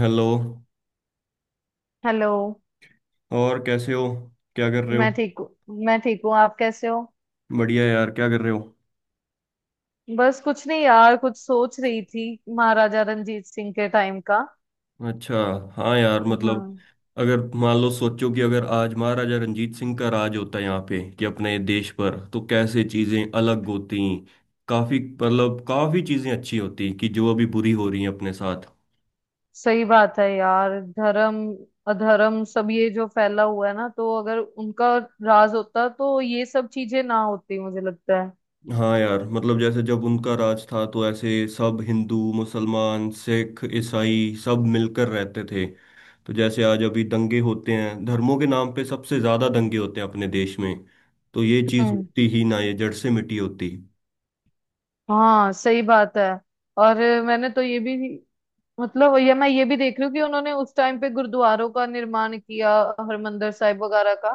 Hello. Hello. और कैसे हो? क्या कर रहे हो? मैं ठीक हूँ। मैं ठीक हूँ, आप कैसे हो? बढ़िया यार, क्या कर रहे हो? बस कुछ नहीं यार, कुछ सोच रही थी महाराजा रणजीत सिंह के टाइम का। अच्छा। हाँ यार, हाँ, मतलब अगर मान लो, सोचो कि अगर आज महाराजा रंजीत सिंह का राज होता है यहाँ पे, कि अपने देश पर, तो कैसे चीजें अलग होती। काफी मतलब काफी चीजें अच्छी होती कि जो अभी बुरी हो रही हैं अपने साथ। सही बात है यार। धर्म अधर्म सब ये जो फैला हुआ है ना, तो अगर उनका राज होता तो ये सब चीजें ना होती, मुझे लगता हाँ यार, मतलब जैसे जब उनका राज था तो ऐसे सब हिंदू मुसलमान सिख ईसाई सब मिलकर रहते थे। तो जैसे आज अभी दंगे होते हैं धर्मों के नाम पे, सबसे ज्यादा दंगे होते हैं अपने देश में। तो ये है। चीज होती ही ना, ये जड़ से मिटी होती। हाँ सही बात है। और मैंने तो ये भी मतलब, ये मैं ये भी देख रही हूँ कि उन्होंने उस टाइम पे गुरुद्वारों का निर्माण किया, हरमंदिर साहिब वगैरह का।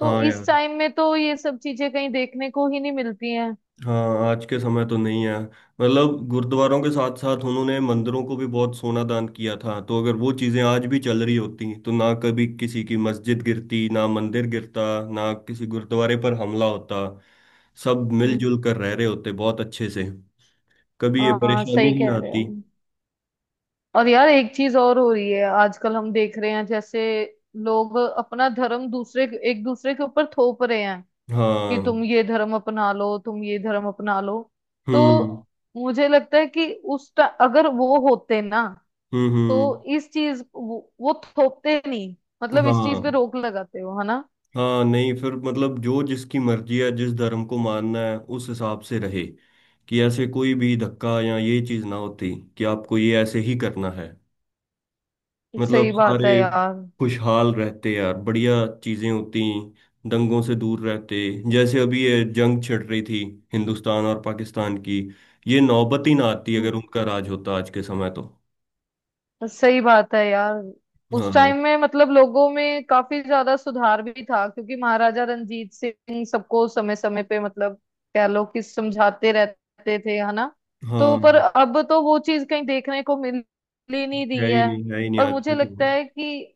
तो हाँ यार। इस टाइम में तो ये सब चीजें कहीं देखने को ही नहीं मिलती हैं। हाँ, आज के समय तो नहीं है। मतलब गुरुद्वारों के साथ साथ उन्होंने मंदिरों को भी बहुत सोना दान किया था, तो अगर वो चीजें आज भी चल रही होती तो ना कभी किसी की मस्जिद गिरती ना मंदिर गिरता, ना किसी गुरुद्वारे पर हमला होता। सब हम्म। मिलजुल कर रह रहे होते बहुत अच्छे से। कभी ये हाँ परेशानी सही ही ना कह रहे हो। आती। और यार एक चीज और हो रही है आजकल, हम देख रहे हैं जैसे लोग अपना धर्म दूसरे एक दूसरे के ऊपर थोप रहे हैं कि हाँ। तुम ये धर्म अपना लो, तुम ये धर्म अपना लो। तो हम्म। मुझे लगता है कि अगर वो होते ना हम्म। हम्म। तो इस चीज वो थोपते नहीं। मतलब इस चीज पे हाँ। रोक लगाते हो, है ना। हाँ, नहीं फिर मतलब जो जिसकी मर्जी है जिस धर्म को मानना है उस हिसाब से रहे। कि ऐसे कोई भी धक्का या ये चीज ना होती, कि आपको ये ऐसे ही करना है। मतलब सही बात सारे है यार। खुशहाल रहते यार, बढ़िया चीजें होती, दंगों से दूर रहते। जैसे अभी ये जंग छिड़ रही थी हिंदुस्तान और पाकिस्तान की, ये नौबत ही ना आती अगर उनका राज होता आज के समय तो। सही बात है यार। हाँ उस टाइम में मतलब लोगों में काफी ज्यादा सुधार भी था क्योंकि महाराजा रणजीत सिंह सबको समय समय पे मतलब कह लो कि समझाते रहते थे, है ना। तो पर हाँ, अब तो वो चीज कहीं देखने को मिल ही नहीं रही है ही है। नहीं, है ही नहीं और आज के मुझे लगता समय। है कि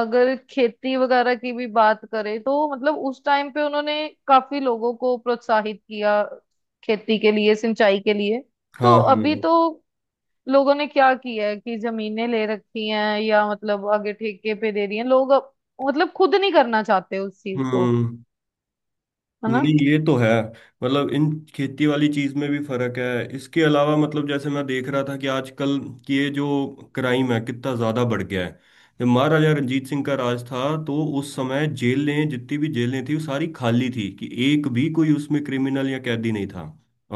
अगर खेती वगैरह की भी बात करें तो मतलब उस टाइम पे उन्होंने काफी लोगों को प्रोत्साहित किया, खेती के लिए, सिंचाई के लिए। तो हाँ अभी हाँ। तो लोगों ने क्या किया है कि जमीनें ले रखी हैं या मतलब आगे ठेके पे दे रही हैं लोग मतलब खुद नहीं करना चाहते उस चीज को, हम्म। है ना। नहीं, ये तो है। मतलब इन खेती वाली चीज में भी फर्क है। इसके अलावा मतलब जैसे मैं देख रहा था कि आजकल कि ये जो क्राइम है कितना ज्यादा बढ़ गया है। जब महाराजा रंजीत सिंह का राज था तो उस समय जेलें, जितनी भी जेलें थी वो सारी खाली थी, कि एक भी कोई उसमें क्रिमिनल या कैदी नहीं था।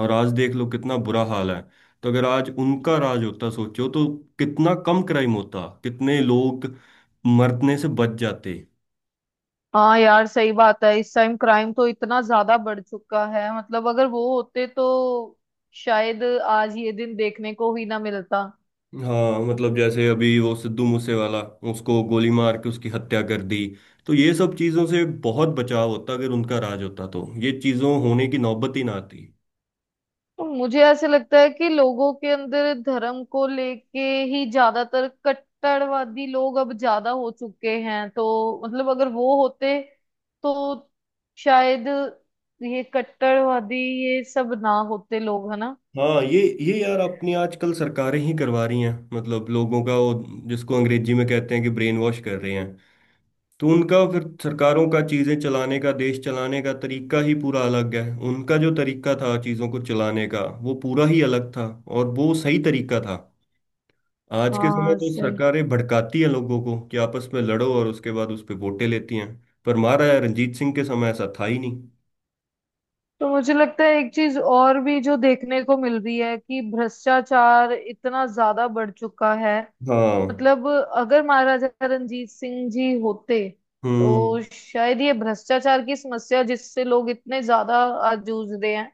और आज देख लो कितना बुरा हाल है। तो अगर आज उनका राज होता सोचो, तो कितना कम क्राइम होता, कितने लोग मरने से बच जाते। हाँ यार सही बात है, इस टाइम क्राइम तो इतना ज्यादा बढ़ चुका है, मतलब अगर वो होते तो शायद आज ये दिन देखने को ही ना मिलता। हाँ मतलब जैसे अभी वो सिद्धू मूसे वाला, उसको गोली मार के उसकी हत्या कर दी। तो ये सब चीजों से बहुत बचाव होता अगर उनका राज होता, तो ये चीजों होने की नौबत ही ना आती। तो मुझे ऐसे लगता है कि लोगों के अंदर धर्म को लेके ही ज्यादातर कट्टरवादी लोग अब ज्यादा हो चुके हैं, तो मतलब अगर वो होते तो शायद ये कट्टरवादी ये सब ना होते लोग, है ना। हाँ, ये यार अपनी आजकल सरकारें ही करवा रही हैं। मतलब लोगों का वो जिसको अंग्रेजी में कहते हैं कि ब्रेन वॉश कर रहे हैं। तो उनका फिर सरकारों का चीजें चलाने का, देश चलाने का तरीका ही पूरा अलग है। उनका जो तरीका था चीजों को चलाने का वो पूरा ही अलग था, और वो सही तरीका था। आज के समय हाँ तो सही। सरकारें भड़काती हैं लोगों को, कि आपस में लड़ो, और उसके बाद उस पे वोटें लेती हैं। पर मारा है, रणजीत सिंह के समय ऐसा था ही नहीं। तो मुझे लगता है एक चीज और भी जो देखने को मिल रही है कि भ्रष्टाचार इतना ज्यादा बढ़ चुका है। हाँ। मतलब अगर महाराजा रणजीत सिंह जी होते हम्म। तो शायद ये भ्रष्टाचार की समस्या, जिससे लोग इतने ज्यादा आज जूझ रहे हैं,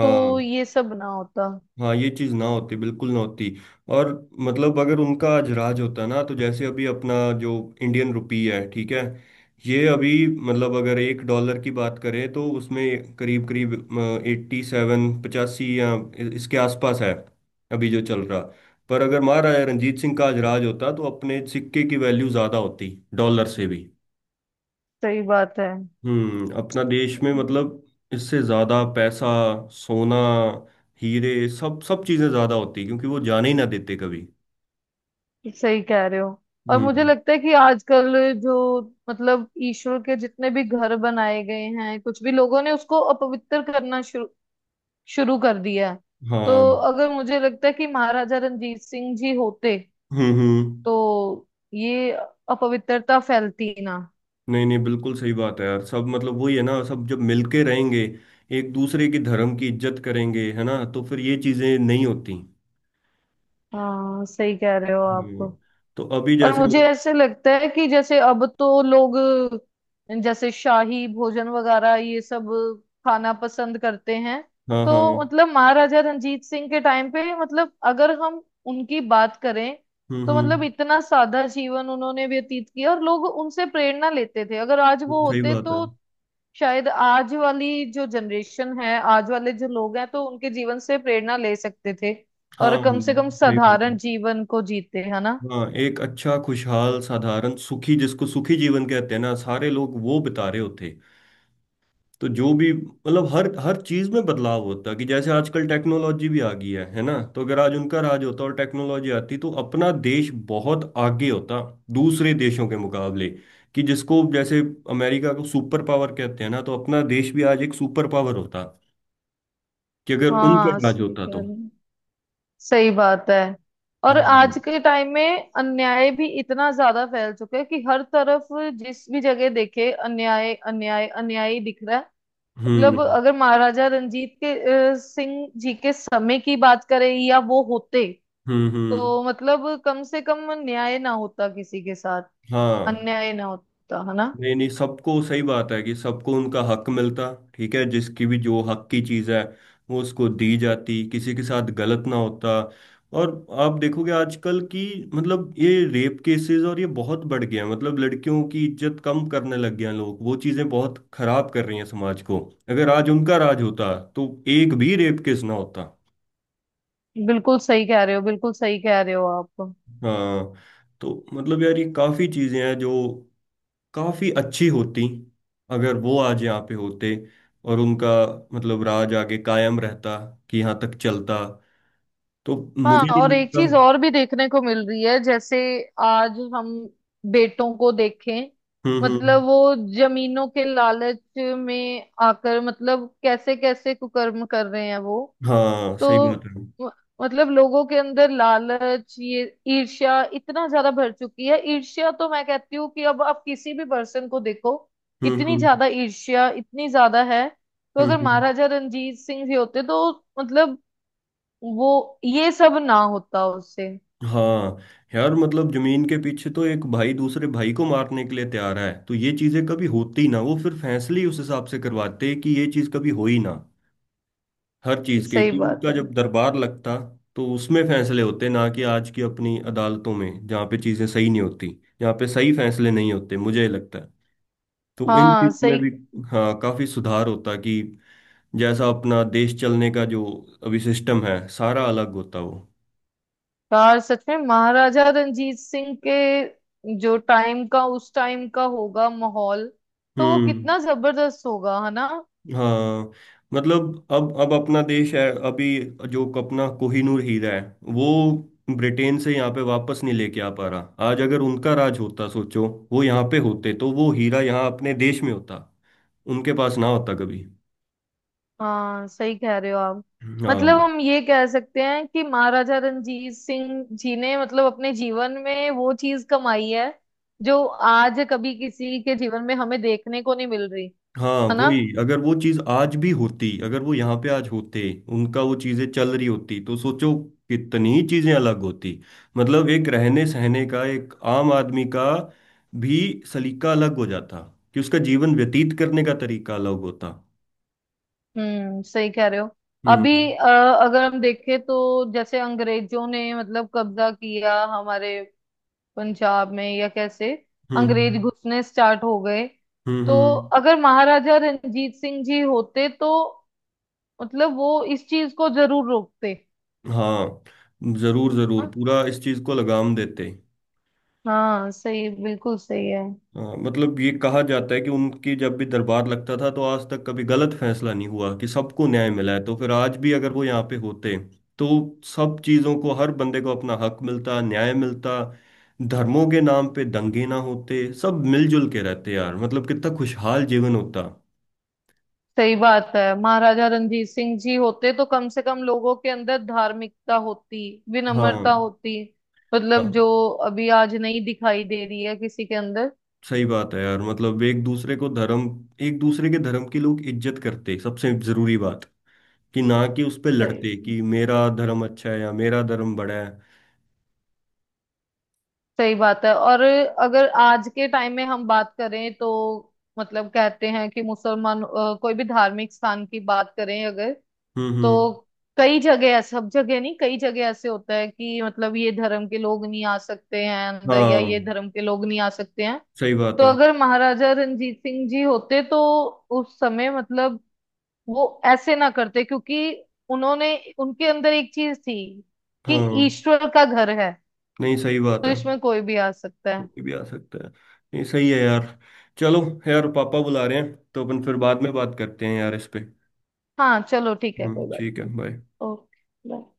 तो ये सब ना होता। हाँ, ये चीज ना होती, बिल्कुल ना होती। और मतलब अगर उनका आज राज होता ना, तो जैसे अभी अपना जो इंडियन रुपी है, ठीक है, ये अभी मतलब अगर 1 डॉलर की बात करें तो उसमें करीब करीब 87 85 या इसके आसपास है अभी जो चल रहा। पर अगर महाराजा रंजीत सिंह का आज राज होता तो अपने सिक्के की वैल्यू ज्यादा होती डॉलर से भी। सही बात है। हम्म, अपना देश में मतलब इससे ज्यादा पैसा, सोना, हीरे, सब सब चीजें ज्यादा होती, क्योंकि वो जाने ही ना देते कभी। सही कह रहे हो। और मुझे हम्म। लगता है कि आजकल जो मतलब ईश्वर के जितने भी घर बनाए गए हैं कुछ भी, लोगों ने उसको अपवित्र करना शुरू शुरू कर दिया है। हाँ। तो अगर मुझे लगता है कि महाराजा रणजीत सिंह जी होते हम्म। हम्म। तो ये अपवित्रता फैलती ना। नहीं नहीं, बिल्कुल सही बात है यार। सब मतलब वही है ना, सब जब मिलके रहेंगे, एक दूसरे के धर्म की इज्जत करेंगे, है ना, तो फिर ये चीजें नहीं होती। हाँ सही कह रहे हो हम्म, आप। तो अभी और जैसे मुझे ऐसे लगता है कि जैसे अब तो लोग जैसे शाही भोजन वगैरह ये सब खाना पसंद करते हैं। हाँ तो हाँ। मतलब महाराजा रणजीत सिंह के टाइम पे, मतलब अगर हम उनकी बात करें हम्म। तो मतलब हम्म। इतना सादा जीवन उन्होंने व्यतीत किया और लोग उनसे प्रेरणा लेते थे, अगर आज वो सही होते बात तो है। शायद आज वाली जो जनरेशन है, आज वाले जो लोग हैं, तो उनके जीवन से प्रेरणा ले सकते थे। और हाँ कम से कम सही साधारण बात। जीवन को जीते, है ना। हाँ, एक अच्छा खुशहाल साधारण सुखी, जिसको सुखी जीवन कहते हैं ना, सारे लोग वो बिता रहे होते। तो जो भी मतलब हर हर चीज में बदलाव होता, कि जैसे आजकल टेक्नोलॉजी भी आ गई है ना, तो अगर आज उनका राज होता और टेक्नोलॉजी आती तो अपना देश बहुत आगे होता दूसरे देशों के मुकाबले। कि जिसको जैसे अमेरिका को सुपर पावर कहते हैं ना, तो अपना देश भी आज एक सुपर पावर होता, कि अगर उनका हाँ राज सही होता कह तो। रहे हैं। सही बात है। और हम्म। आज के टाइम में अन्याय भी इतना ज्यादा फैल चुका है कि हर तरफ जिस भी जगह देखे अन्याय अन्याय अन्याय ही दिख रहा है। मतलब हम्म। अगर महाराजा रंजीत के सिंह जी के समय की बात करें या वो होते हम्म। हम्म, तो मतलब कम से कम न्याय ना होता किसी के साथ, हाँ। अन्याय ना होता, है ना। नहीं नहीं, सबको, सही बात है कि सबको उनका हक मिलता, ठीक है। जिसकी भी जो हक की चीज है वो उसको दी जाती, किसी के साथ गलत ना होता। और आप देखोगे आजकल की, मतलब ये रेप केसेस और ये बहुत बढ़ गया है, मतलब लड़कियों की इज्जत कम करने लग गए हैं लोग, वो चीजें बहुत खराब कर रही हैं समाज को। अगर आज उनका राज होता तो एक भी रेप केस ना होता। बिल्कुल सही कह रहे हो, बिल्कुल सही कह रहे हो आप। हाँ। तो मतलब यार ये काफी चीजें हैं जो काफी अच्छी होती, अगर वो आज यहाँ पे होते, और उनका मतलब राज आगे कायम रहता, कि यहाँ तक चलता तो। हाँ, मुझे नहीं और एक लगता। चीज और भी देखने को मिल रही है जैसे आज हम बेटों को देखें, हम्म। हम्म। मतलब वो जमीनों के लालच में आकर मतलब कैसे कैसे कुकर्म कर रहे हैं वो। हाँ सही बात तो है। म- मतलब लोगों के अंदर लालच, ये ईर्ष्या इतना ज्यादा भर चुकी है। ईर्ष्या तो मैं कहती हूँ कि अब आप किसी भी पर्सन को देखो, हम्म। इतनी हम्म। ज्यादा ईर्ष्या, इतनी ज्यादा है। तो हम्म। अगर हम्म। महाराजा रणजीत सिंह जी होते तो मतलब वो ये सब ना होता उससे। हाँ यार, मतलब जमीन के पीछे तो एक भाई दूसरे भाई को मारने के लिए तैयार है, तो ये चीजें कभी होती ना, वो फिर फैसले ही उस हिसाब से करवाते कि ये चीज कभी हो ही ना। हर चीज के, सही कि उनका बात है। जब दरबार लगता तो उसमें फैसले होते ना, कि आज की अपनी अदालतों में जहाँ पे चीजें सही नहीं होती, जहाँ पे सही फैसले नहीं होते, मुझे लगता है। तो इन हाँ चीजों में सही। भी हाँ काफी सुधार होता, कि जैसा अपना देश चलने का जो अभी सिस्टम है सारा अलग होता वो। यार सच में महाराजा रणजीत सिंह के जो टाइम का, उस टाइम का होगा माहौल, तो वो हम्म। कितना जबरदस्त होगा, है ना। हाँ मतलब अब अपना देश है। अभी जो अपना कोहिनूर हीरा है, वो ब्रिटेन से यहाँ पे वापस नहीं लेके आ पा रहा। आज अगर उनका राज होता सोचो, वो यहाँ पे होते तो वो हीरा यहाँ अपने देश में होता, उनके पास ना होता कभी। हाँ सही कह रहे हो आप। हाँ। मतलब हम ये कह सकते हैं कि महाराजा रणजीत सिंह जी ने मतलब अपने जीवन में वो चीज कमाई है जो आज कभी किसी के जीवन में हमें देखने को नहीं मिल रही, हाँ है ना। वही, अगर वो चीज आज भी होती, अगर वो यहाँ पे आज होते, उनका वो चीजें चल रही होती, तो सोचो कितनी चीजें अलग होती। मतलब एक रहने सहने का, एक आम आदमी का भी सलीका अलग हो जाता, कि उसका जीवन व्यतीत करने का तरीका अलग होता। सही कह रहे हो। अभी हम्म। अगर हम देखें तो जैसे अंग्रेजों ने मतलब कब्जा किया हमारे पंजाब में या कैसे हम्म। अंग्रेज हम्म। घुसने स्टार्ट हो गए। हम्म। तो हम्म। अगर महाराजा रणजीत सिंह जी होते तो मतलब वो इस चीज को जरूर रोकते। हाँ, जरूर जरूर हाँ, पूरा इस चीज को लगाम देते। हाँ सही, बिल्कुल सही है। हाँ मतलब ये कहा जाता है कि उनकी जब भी दरबार लगता था तो आज तक कभी गलत फैसला नहीं हुआ, कि सबको न्याय मिला है। तो फिर आज भी अगर वो यहाँ पे होते तो सब चीज़ों को, हर बंदे को अपना हक मिलता, न्याय मिलता। धर्मों के नाम पे दंगे ना होते, सब मिलजुल के रहते यार, मतलब कितना खुशहाल जीवन होता। सही बात है, महाराजा रणजीत सिंह जी होते तो कम से कम लोगों के अंदर धार्मिकता होती, हाँ विनम्रता होती। मतलब हाँ। जो अभी आज नहीं दिखाई दे रही है किसी के अंदर। सही बात है यार, मतलब एक दूसरे को धर्म, एक दूसरे के धर्म की लोग इज्जत करते, सबसे जरूरी बात। कि ना कि उस पे लड़ते सही। कि मेरा धर्म अच्छा है या मेरा धर्म बड़ा है। सही बात है। और अगर आज के टाइम में हम बात करें तो मतलब कहते हैं कि मुसलमान कोई भी धार्मिक स्थान की बात करें अगर, हम्म। तो हम्म। कई जगह, सब जगह नहीं, कई जगह ऐसे होता है कि मतलब ये धर्म के लोग नहीं आ सकते हैं अंदर या हाँ ये धर्म के लोग नहीं आ सकते हैं। सही बात तो है। अगर महाराजा रणजीत सिंह जी होते तो उस समय मतलब वो ऐसे ना करते क्योंकि उन्होंने उनके अंदर एक चीज थी कि हाँ। ईश्वर का घर है नहीं सही बात तो है। इसमें कोई भी आ सकता है। कोई भी आ सकता है। नहीं सही है यार। चलो, यार पापा बुला रहे हैं तो अपन फिर बाद में बात करते हैं यार इस पे। हाँ चलो ठीक है, कोई हम्म, बात ठीक है, नहीं। बाय। ओके।